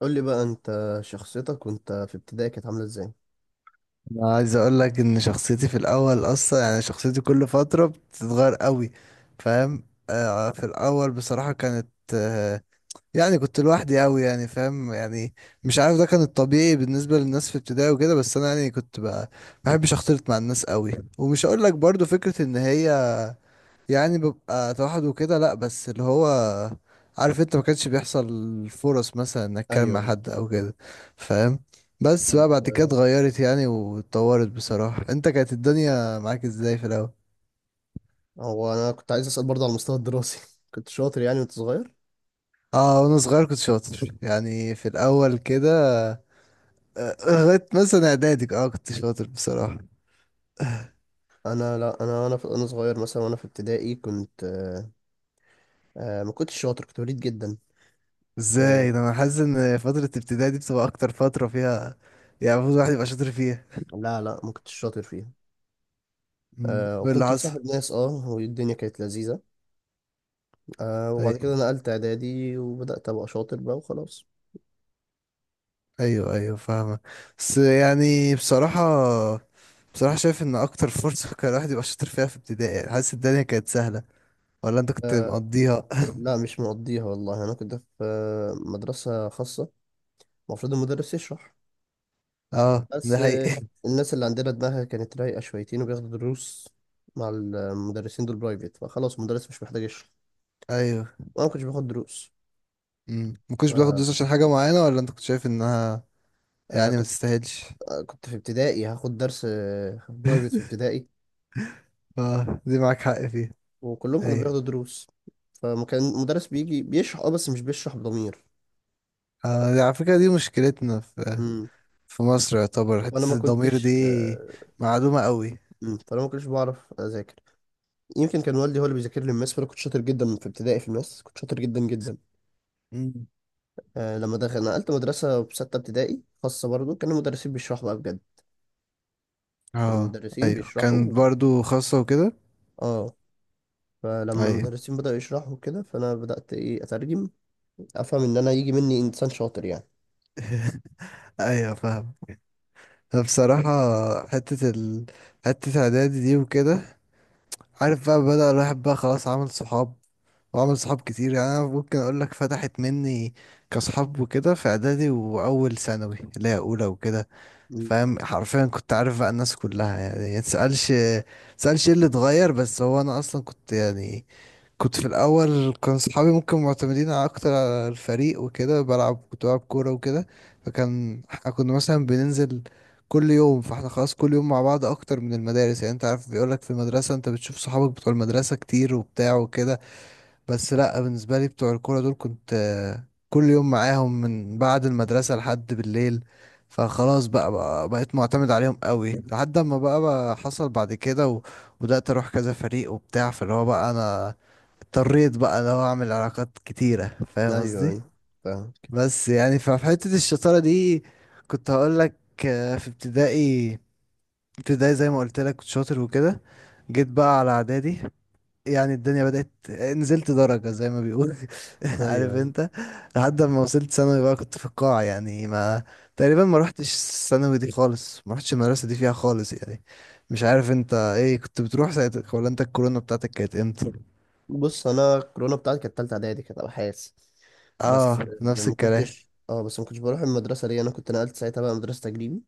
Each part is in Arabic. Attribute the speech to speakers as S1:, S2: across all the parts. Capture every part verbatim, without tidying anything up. S1: قول لي بقى، انت شخصيتك وانت في ابتدائي كانت عامله ازاي؟
S2: انا عايز اقول لك ان شخصيتي في الاول اصلا يعني شخصيتي كل فتره بتتغير قوي. فاهم؟ آه في الاول بصراحه كانت، آه يعني كنت لوحدي قوي. يعني فاهم؟ يعني مش عارف، ده كان الطبيعي بالنسبه للناس في ابتدائي وكده، بس انا يعني كنت بقى ما بحبش اختلط مع الناس قوي. ومش هقول لك برضو فكره ان هي يعني ببقى توحد وكده، لا، بس اللي هو عارف انت، ما كانش بيحصل فرص مثلا انك اتكلم
S1: ايوه
S2: مع
S1: يعني.
S2: حد او كده. فاهم؟ بس
S1: طب.
S2: بقى بعد كده
S1: آه،
S2: اتغيرت يعني واتطورت. بصراحة انت، كانت الدنيا معاك ازاي في الاول؟
S1: هو انا كنت عايز اسال برضه على المستوى الدراسي كنت شاطر يعني وانت صغير؟
S2: اه وانا صغير كنت شاطر، يعني في الاول كده. آه، لغاية مثلا اعدادي اه كنت شاطر بصراحة.
S1: انا، لا، انا انا في انا صغير مثلا، وانا في ابتدائي كنت آه، آه، ما كنتش شاطر، كنت وليد جدا. آه،
S2: ازاي ده؟ انا حاسس ان فترة ابتدائي دي بتبقى اكتر فترة فيها يعني المفروض الواحد يبقى شاطر فيها.
S1: لا لا، ما كنتش شاطر فيها.
S2: مم.
S1: آه،
S2: وايه اللي
S1: وكنت
S2: حصل؟
S1: مصاحب ناس، اه والدنيا كانت لذيذه. آه، وبعد
S2: طيب.
S1: كده نقلت اعدادي وبدات ابقى شاطر بقى وخلاص.
S2: ايوه ايوه، فاهمة. بس يعني بصراحة، بصراحة شايف ان اكتر فرصة كان الواحد يبقى شاطر فيها في ابتدائي، يعني حاسس الدنيا كانت سهلة، ولا انت كنت
S1: آه،
S2: مقضيها؟
S1: لا مش مقضيها والله، انا كنت في آه، مدرسه خاصه، المفروض المدرس يشرح.
S2: اه
S1: بس
S2: ده
S1: آه،
S2: حقيقي.
S1: الناس اللي عندنا دماغها كانت رايقة شويتين وبياخدوا دروس مع المدرسين دول برايفت، فخلاص المدرس مش محتاج يشرح.
S2: ايوه.
S1: وأنا ما كنتش باخد دروس.
S2: امم، ما
S1: ف
S2: كنتش بتاخد دروس عشان حاجة معينة، ولا انت كنت شايف انها
S1: آه،
S2: يعني ما
S1: كنت
S2: تستاهلش؟
S1: آه، كنت في ابتدائي هاخد درس آه، برايفت في ابتدائي،
S2: اه دي معاك حق فيها.
S1: وكلهم كانوا
S2: ايوه.
S1: بياخدوا دروس. فما كان المدرس بيجي بيشرح، اه بس مش بيشرح بضمير.
S2: آه دي على فكرة، دي مشكلتنا في
S1: امم.
S2: في مصر، يعتبر
S1: وانا ما
S2: حتة الضمير
S1: كنتش
S2: دي
S1: آه،
S2: معلومة قوي.
S1: مم. فانا ما كنتش بعرف اذاكر. يمكن كان والدي هو اللي بيذاكر لي الماس، فانا كنت شاطر جدا في ابتدائي. في الماس كنت شاطر جدا جدا.
S2: امم.
S1: آه، لما دخل نقلت مدرسة في ستة ابتدائي خاصة برضو، كانوا المدرسين بيشرحوا بقى بجد. كانوا
S2: اه
S1: المدرسين
S2: ايوه
S1: بيشرحوا
S2: كان
S1: و-
S2: برضو خاصة وكده.
S1: اه فلما
S2: ايوه.
S1: المدرسين بدأوا يشرحوا كده، فأنا بدأت إيه أترجم، أفهم إن أنا يجي مني إنسان شاطر يعني.
S2: ايوه فاهم. بصراحة حتة ال... حتة إعدادي دي وكده، عارف بقى، بدأ الواحد بقى خلاص عمل صحاب، وعمل صحاب كتير. يعني أنا ممكن أقول لك فتحت مني كصحاب وكده في إعدادي وأول ثانوي اللي هي أولى وكده.
S1: مم.
S2: فاهم؟ حرفيا كنت عارف بقى الناس كلها. يعني متسألش، متسألش إيه اللي اتغير، بس هو أنا أصلا كنت يعني كنت في الاول كان صحابي ممكن معتمدين على اكتر على الفريق وكده. بلعب، كنت بلعب كوره وكده، فكان احنا كنا مثلا بننزل كل يوم، فاحنا خلاص كل يوم مع بعض اكتر من المدارس. يعني انت عارف بيقولك في المدرسه انت بتشوف صحابك بتوع المدرسه كتير وبتاع وكده، بس لا، بالنسبة لي بتوع الكورة دول كنت آه، كل يوم معاهم من بعد المدرسة لحد بالليل. فخلاص بقى, بقى بقيت معتمد عليهم قوي، لحد ما بقى, بقى حصل بعد كده و- وبدأت أروح كذا فريق وبتاع. فاللي هو بقى أنا اضطريت بقى اللي هو أعمل علاقات كتيرة. فاهم
S1: أيوه
S2: قصدي؟
S1: أيوه، فاهم.
S2: بس يعني ففي حتة الشطارة دي كنت هقول لك، آه، في ابتدائي، ابتدائي زي ما قلت لك كنت شاطر وكده. جيت بقى على إعدادي، يعني الدنيا بدأت نزلت درجة زي ما بيقول.
S1: أيوه
S2: عارف
S1: أيوه.
S2: انت؟ لحد ما وصلت ثانوي بقى كنت في القاع، يعني ما، تقريبا ما روحتش الثانوي دي خالص، ما روحتش المدرسة دي فيها خالص يعني. مش عارف انت ايه، كنت بتروح ساعتك، ولا انت الكورونا بتاعتك كانت امتى؟
S1: بص، أنا الكورونا بتاعتي كانت تالتة إعدادي، كانت أبحاث.
S2: اه
S1: بس
S2: نفس
S1: ما
S2: الكلام.
S1: كنتش اه بس ما كنتش بروح المدرسة، ليه؟ أنا كنت نقلت ساعتها بقى مدرسة تجريبي.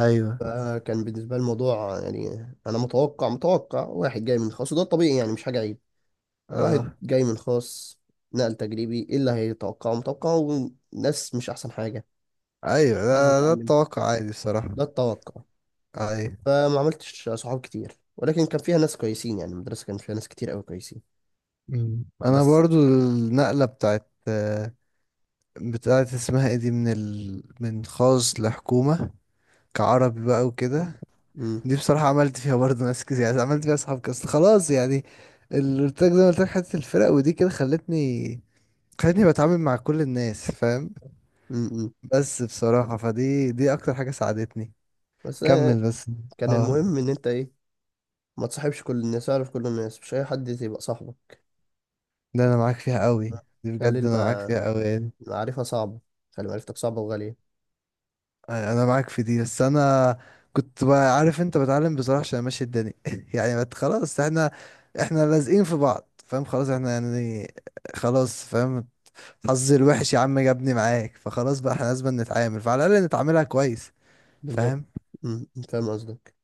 S2: ايوه
S1: فكان بالنسبة لي الموضوع يعني، أنا متوقع متوقع واحد جاي من خاص وده الطبيعي يعني، مش حاجة عيب. واحد
S2: اه
S1: جاي من خاص، نقل تجريبي، ايه اللي هيتوقعه؟ متوقعه ناس مش احسن حاجة.
S2: ايوه،
S1: عايز
S2: ده, ده
S1: اتعلم.
S2: التوقع عادي بصراحة.
S1: ده التوقع.
S2: ايوه.
S1: فما عملتش صحاب كتير، ولكن كان فيها ناس كويسين، يعني المدرسة كان فيها ناس كتير قوي كويسين.
S2: مم. انا
S1: بس
S2: برضو النقلة بتاعت، بتاعت اسمها ايه دي من ال... من خاص لحكومة كعربي بقى وكده،
S1: م
S2: دي بصراحة عملت فيها برضه ناس كتير، يعني عملت فيها صحاب كاس خلاص يعني. اللي قلت لك زي ما قلت لك، حتة الفرق ودي كده خلتني خلتني بتعامل مع كل الناس. فاهم؟
S1: -م -م.
S2: بس بصراحة فدي دي أكتر حاجة ساعدتني.
S1: بس آه،
S2: كمل بس.
S1: كان
S2: اه
S1: المهم ان انت ايه؟ ما تصاحبش كل الناس، اعرف كل الناس، مش اي حد يبقى صاحبك.
S2: ده أنا معاك فيها قوي. دي
S1: خلي
S2: بجد أنا معاك
S1: الم-
S2: فيها قوي يعني.
S1: المعرفة صعبة، خلي معرفتك صعبة وغالية.
S2: أنا معاك في دي، بس أنا كنت بقى عارف أنت بتعلم بصراحة، عشان ماشي الدنيا. يعني بت- خلاص احنا، احنا لازقين في بعض. فاهم؟ خلاص احنا يعني، خلاص فاهم. حظي الوحش يا عم جابني معاك، فخلاص بقى احنا لازم نتعامل، فعلى الاقل نتعاملها كويس.
S1: بالظبط.
S2: فاهم؟
S1: م- م، فاهم قصدك.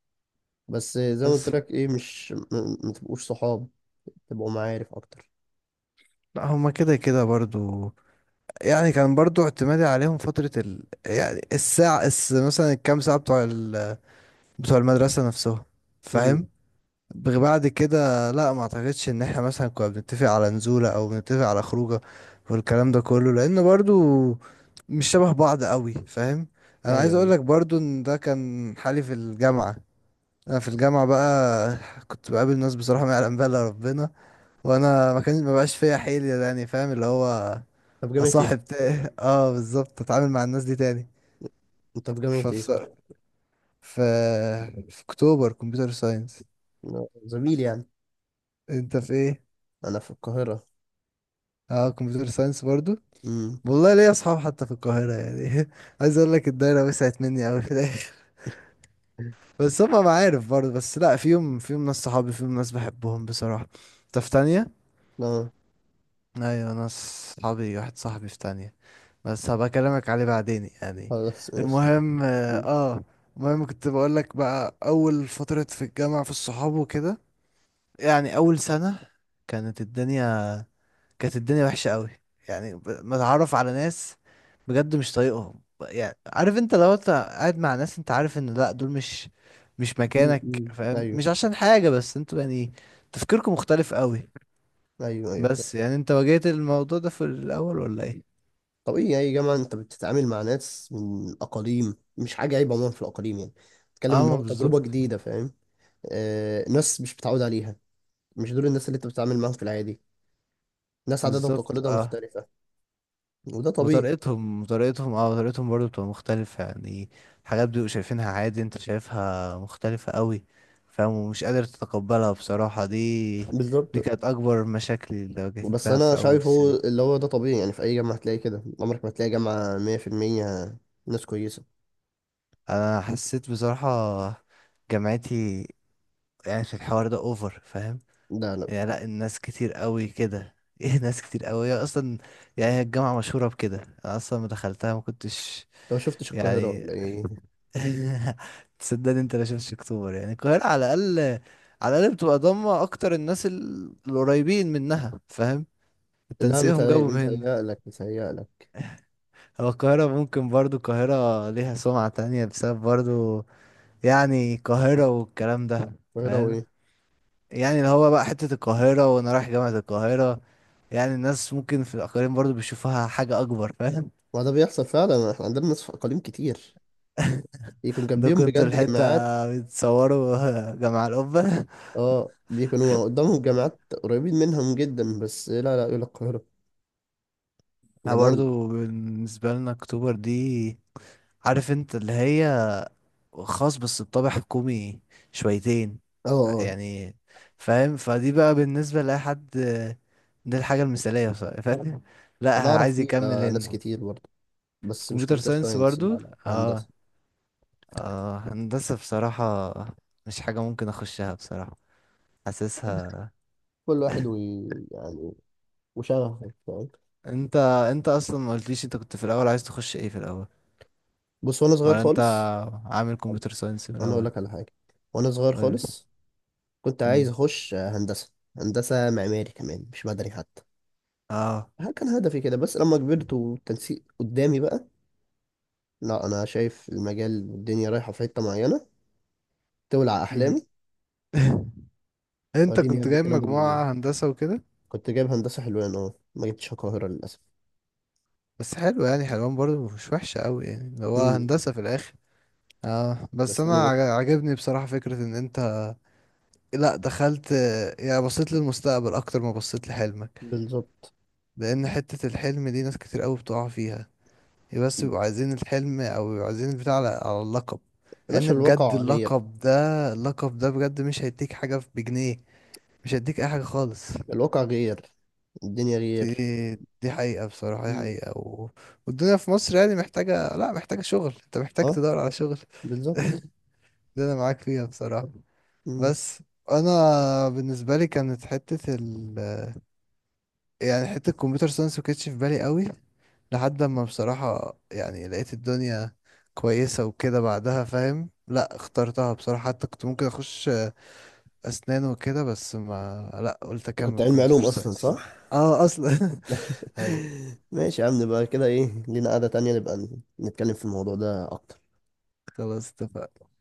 S1: بس آه، زي ما قلت
S2: بس
S1: لك، ايه، مش م- م- ما تبقوش صحاب، تبقوا معارف اكتر.
S2: لا، هما كده كده برضو. يعني كان برضو اعتمادي عليهم فترة ال... يعني الساعة الس... مثلا الكام ساعة بتوع ال... بتوع المدرسة نفسهم. فاهم؟ بغ- بعد كده لا، ما اعتقدش ان احنا مثلا كنا بنتفق على نزولة او بنتفق على خروجة، والكلام ده كله لان برضو مش شبه بعض قوي. فاهم؟ انا
S1: ايوه
S2: عايز
S1: ايوه.
S2: اقولك برضو ان ده كان حالي في الجامعة. انا في الجامعه بقى كنت بقابل ناس بصراحه ما يعلم بها الا ربنا، وانا ما كان، ما بقاش فيا حيل يعني. فاهم اللي هو
S1: طب جامعة ايه؟
S2: اصاحب تاني؟ اه بالظبط، اتعامل مع الناس دي تاني.
S1: انت في جامعة ايه، صح؟
S2: فبصراحه، في في اكتوبر كمبيوتر ساينس.
S1: أنا زميل يعني.
S2: انت في ايه؟
S1: انا في القاهرة.
S2: اه كمبيوتر ساينس برضو.
S1: امم.
S2: والله ليا اصحاب حتى في القاهره يعني. عايز اقول لك الدايره وسعت مني قوي في الاخر. بس هما معارف برضو، بس لا فيهم، فيهم ناس صحابي، فيهم ناس بحبهم بصراحه. انت في تانية؟
S1: اه.
S2: ايوه ناس صحابي، واحد صاحبي في تانية، بس هبقى اكلمك عليه بعدين يعني.
S1: خلاص ماشي.
S2: المهم اه،
S1: أمم،
S2: آه، المهم كنت بقول لك بقى اول فترة في الجامعة في الصحاب وكده، يعني اول سنة كانت الدنيا، كانت الدنيا وحشة قوي. يعني ب- متعرف على ناس بجد مش طايقهم. يعني عارف انت، لو انت قاعد مع ناس انت عارف ان لا، دول مش، مش
S1: أمم،
S2: مكانك.
S1: أمم.
S2: فاهم؟
S1: ايوه
S2: مش عشان حاجة، بس انتوا يعني تفكيركم مختلف قوي.
S1: ايوه. ايوه،
S2: بس يعني انت واجهت الموضوع ده في الاول، ولا ايه؟
S1: طبيعي اي جامعة انت بتتعامل مع ناس من اقاليم، مش حاجة عيب، عموما في الاقاليم يعني. بتتكلم
S2: اه
S1: ان
S2: ما
S1: هو تجربة
S2: بالظبط.
S1: جديدة، فاهم؟ آه، ناس مش متعود عليها، مش دول الناس اللي انت بتتعامل معاهم في العادي. ناس عاداتها
S2: بالظبط
S1: وتقاليدها
S2: اه،
S1: مختلفة، وده طبيعي.
S2: وطريقتهم، وطريقتهم اه طريقتهم برضو بتبقى مختلفة. يعني حاجات بيبقوا شايفينها عادي انت شايفها مختلفة قوي. فاهم؟ ومش قادر تتقبلها بصراحة دي. دي
S1: بالظبط.
S2: كانت أكبر مشاكلي اللي
S1: بس
S2: واجهتها
S1: انا
S2: في أول
S1: شايفه
S2: السنة.
S1: اللي هو ده طبيعي، يعني في اي جامعه هتلاقي كده. عمرك ما هتلاقي جامعه مية في المية ناس كويسه.
S2: أنا حسيت بصراحة جامعتي يعني في الحوار ده أوفر. فاهم؟
S1: لا لا.
S2: يعني لأ، الناس كتير قوي كده. ايه ناس كتير قوي، هي اصلا يعني هي الجامعة مشهورة بكده. انا اصلا ما دخلتها ما كنتش
S1: انت ما شفتش القاهره
S2: يعني.
S1: ولا ايه؟
S2: تصدقني انت لا، شفتش اكتوبر يعني، القاهرة على الأقل، على الأقل بتبقى ضامة أكتر الناس ال- القريبين منها. فاهم؟
S1: لا،
S2: التنسيقهم
S1: متهيأ-
S2: جابهم هنا.
S1: متهيألك متهيألك
S2: هو القاهرة ممكن برضو، القاهرة ليها سمعة تانية بسبب برضو يعني القاهرة والكلام ده.
S1: القاهره
S2: فاهم؟
S1: وايه.
S2: يعني اللي هو بقى حتة القاهرة وأنا رايح جامعة القاهرة، يعني الناس ممكن في الأقاليم برضو بيشوفوها حاجة أكبر. فاهم؟
S1: ما ده بيحصل فعلا، احنا عندنا ناس في اقاليم كتير يكون
S2: ده
S1: جنبيهم
S2: كنت
S1: بجد
S2: الحتة،
S1: جامعات،
S2: بتصوروا جامعة القبة.
S1: اه بيكونوا قدامهم جامعات قريبين منهم جدا، بس لا لا، يقول لك القاهره.
S2: احنا
S1: جمال.
S2: برضه بالنسبة لنا اكتوبر دي، عارف انت اللي هي خاص بس بطابع حكومي شويتين
S1: اه اه.
S2: يعني. فاهم؟ فدي بقى بالنسبة لأي حد دي الحاجة المثالية بصراحة. فاهم لا
S1: انا اعرف
S2: عايز يكمل
S1: فيها ناس
S2: هنا.
S1: كتير برضه،
S2: في
S1: بس مش
S2: كمبيوتر
S1: كمبيوتر
S2: ساينس
S1: ساينس،
S2: برضو.
S1: لا لا، هندسه.
S2: اه اه، هندسة بصراحة مش حاجة ممكن اخشها بصراحة، حاسسها.
S1: كل واحد وي... يعني وشغفه.
S2: انت، انت اصلا ما قلتليش انت كنت في الاول عايز تخش ايه في الاول،
S1: بص، وانا صغير
S2: ولا انت
S1: خالص،
S2: عامل كمبيوتر ساينس من
S1: انا اقول
S2: الاول؟
S1: لك على حاجه. وانا صغير
S2: قولي.
S1: خالص كنت عايز اخش هندسه، هندسه معماري كمان مش مدني حتى.
S2: اه.
S1: ها، كان هدفي كده. بس لما كبرت والتنسيق قدامي بقى، لا انا شايف المجال والدنيا رايحه في حته معينه، تولع
S2: مم.
S1: احلامي.
S2: انت
S1: وريني يا
S2: كنت
S1: ابني
S2: جايب
S1: الكلام ده بيقول ايه.
S2: مجموعة هندسة وكده؟
S1: كنت جايب هندسه حلوان، اه ما جبتش القاهره للاسف.
S2: بس حلو يعني، حلوان برضو مش وحشة قوي يعني اللي هو
S1: امم.
S2: هندسة في الاخر. اه بس
S1: بس انا
S2: انا
S1: ما-
S2: عج- عجبني بصراحة فكرة ان انت لا دخلت، يعني بصيت للمستقبل اكتر ما بصيت لحلمك.
S1: بالظبط.
S2: لان حتة الحلم دي ناس كتير قوي بتقع فيها، بس بيبقوا عايزين الحلم او بيبقوا عايزين البتاع على على اللقب.
S1: يا
S2: لان
S1: باشا
S2: بجد
S1: الواقع غير.
S2: اللقب ده، اللقب ده بجد مش هيديك حاجة بجنيه، مش هيديك اي حاجة خالص.
S1: الواقع غير، الدنيا
S2: دي
S1: غير.
S2: دي حقيقة بصراحة، دي
S1: امم.
S2: حقيقة و... والدنيا في مصر يعني محتاجة، لا محتاجة شغل، انت محتاج
S1: اه،
S2: تدور على شغل.
S1: بالظبط.
S2: ده انا معاك فيها بصراحة.
S1: امم.
S2: بس انا، بالنسبة لي كانت حتة ال، يعني حتة الكمبيوتر ساينس ما كانتش في بالي قوي، لحد ما بصراحة يعني لقيت الدنيا كويسة وكده بعدها. فاهم؟ لا اخترتها بصراحة، حتى كنت ممكن اخش اسنان وكده، بس ما، لا قلت
S1: انت كنت
S2: اكمل
S1: علمي
S2: كمبيوتر
S1: علوم اصلا،
S2: ساينس.
S1: صح؟
S2: اه اصلا. هاي.
S1: ماشي يا عم، نبقى كده، ايه، لينا قعدة تانية نبقى نتكلم في الموضوع ده أكتر.
S2: خلاص اتفقنا.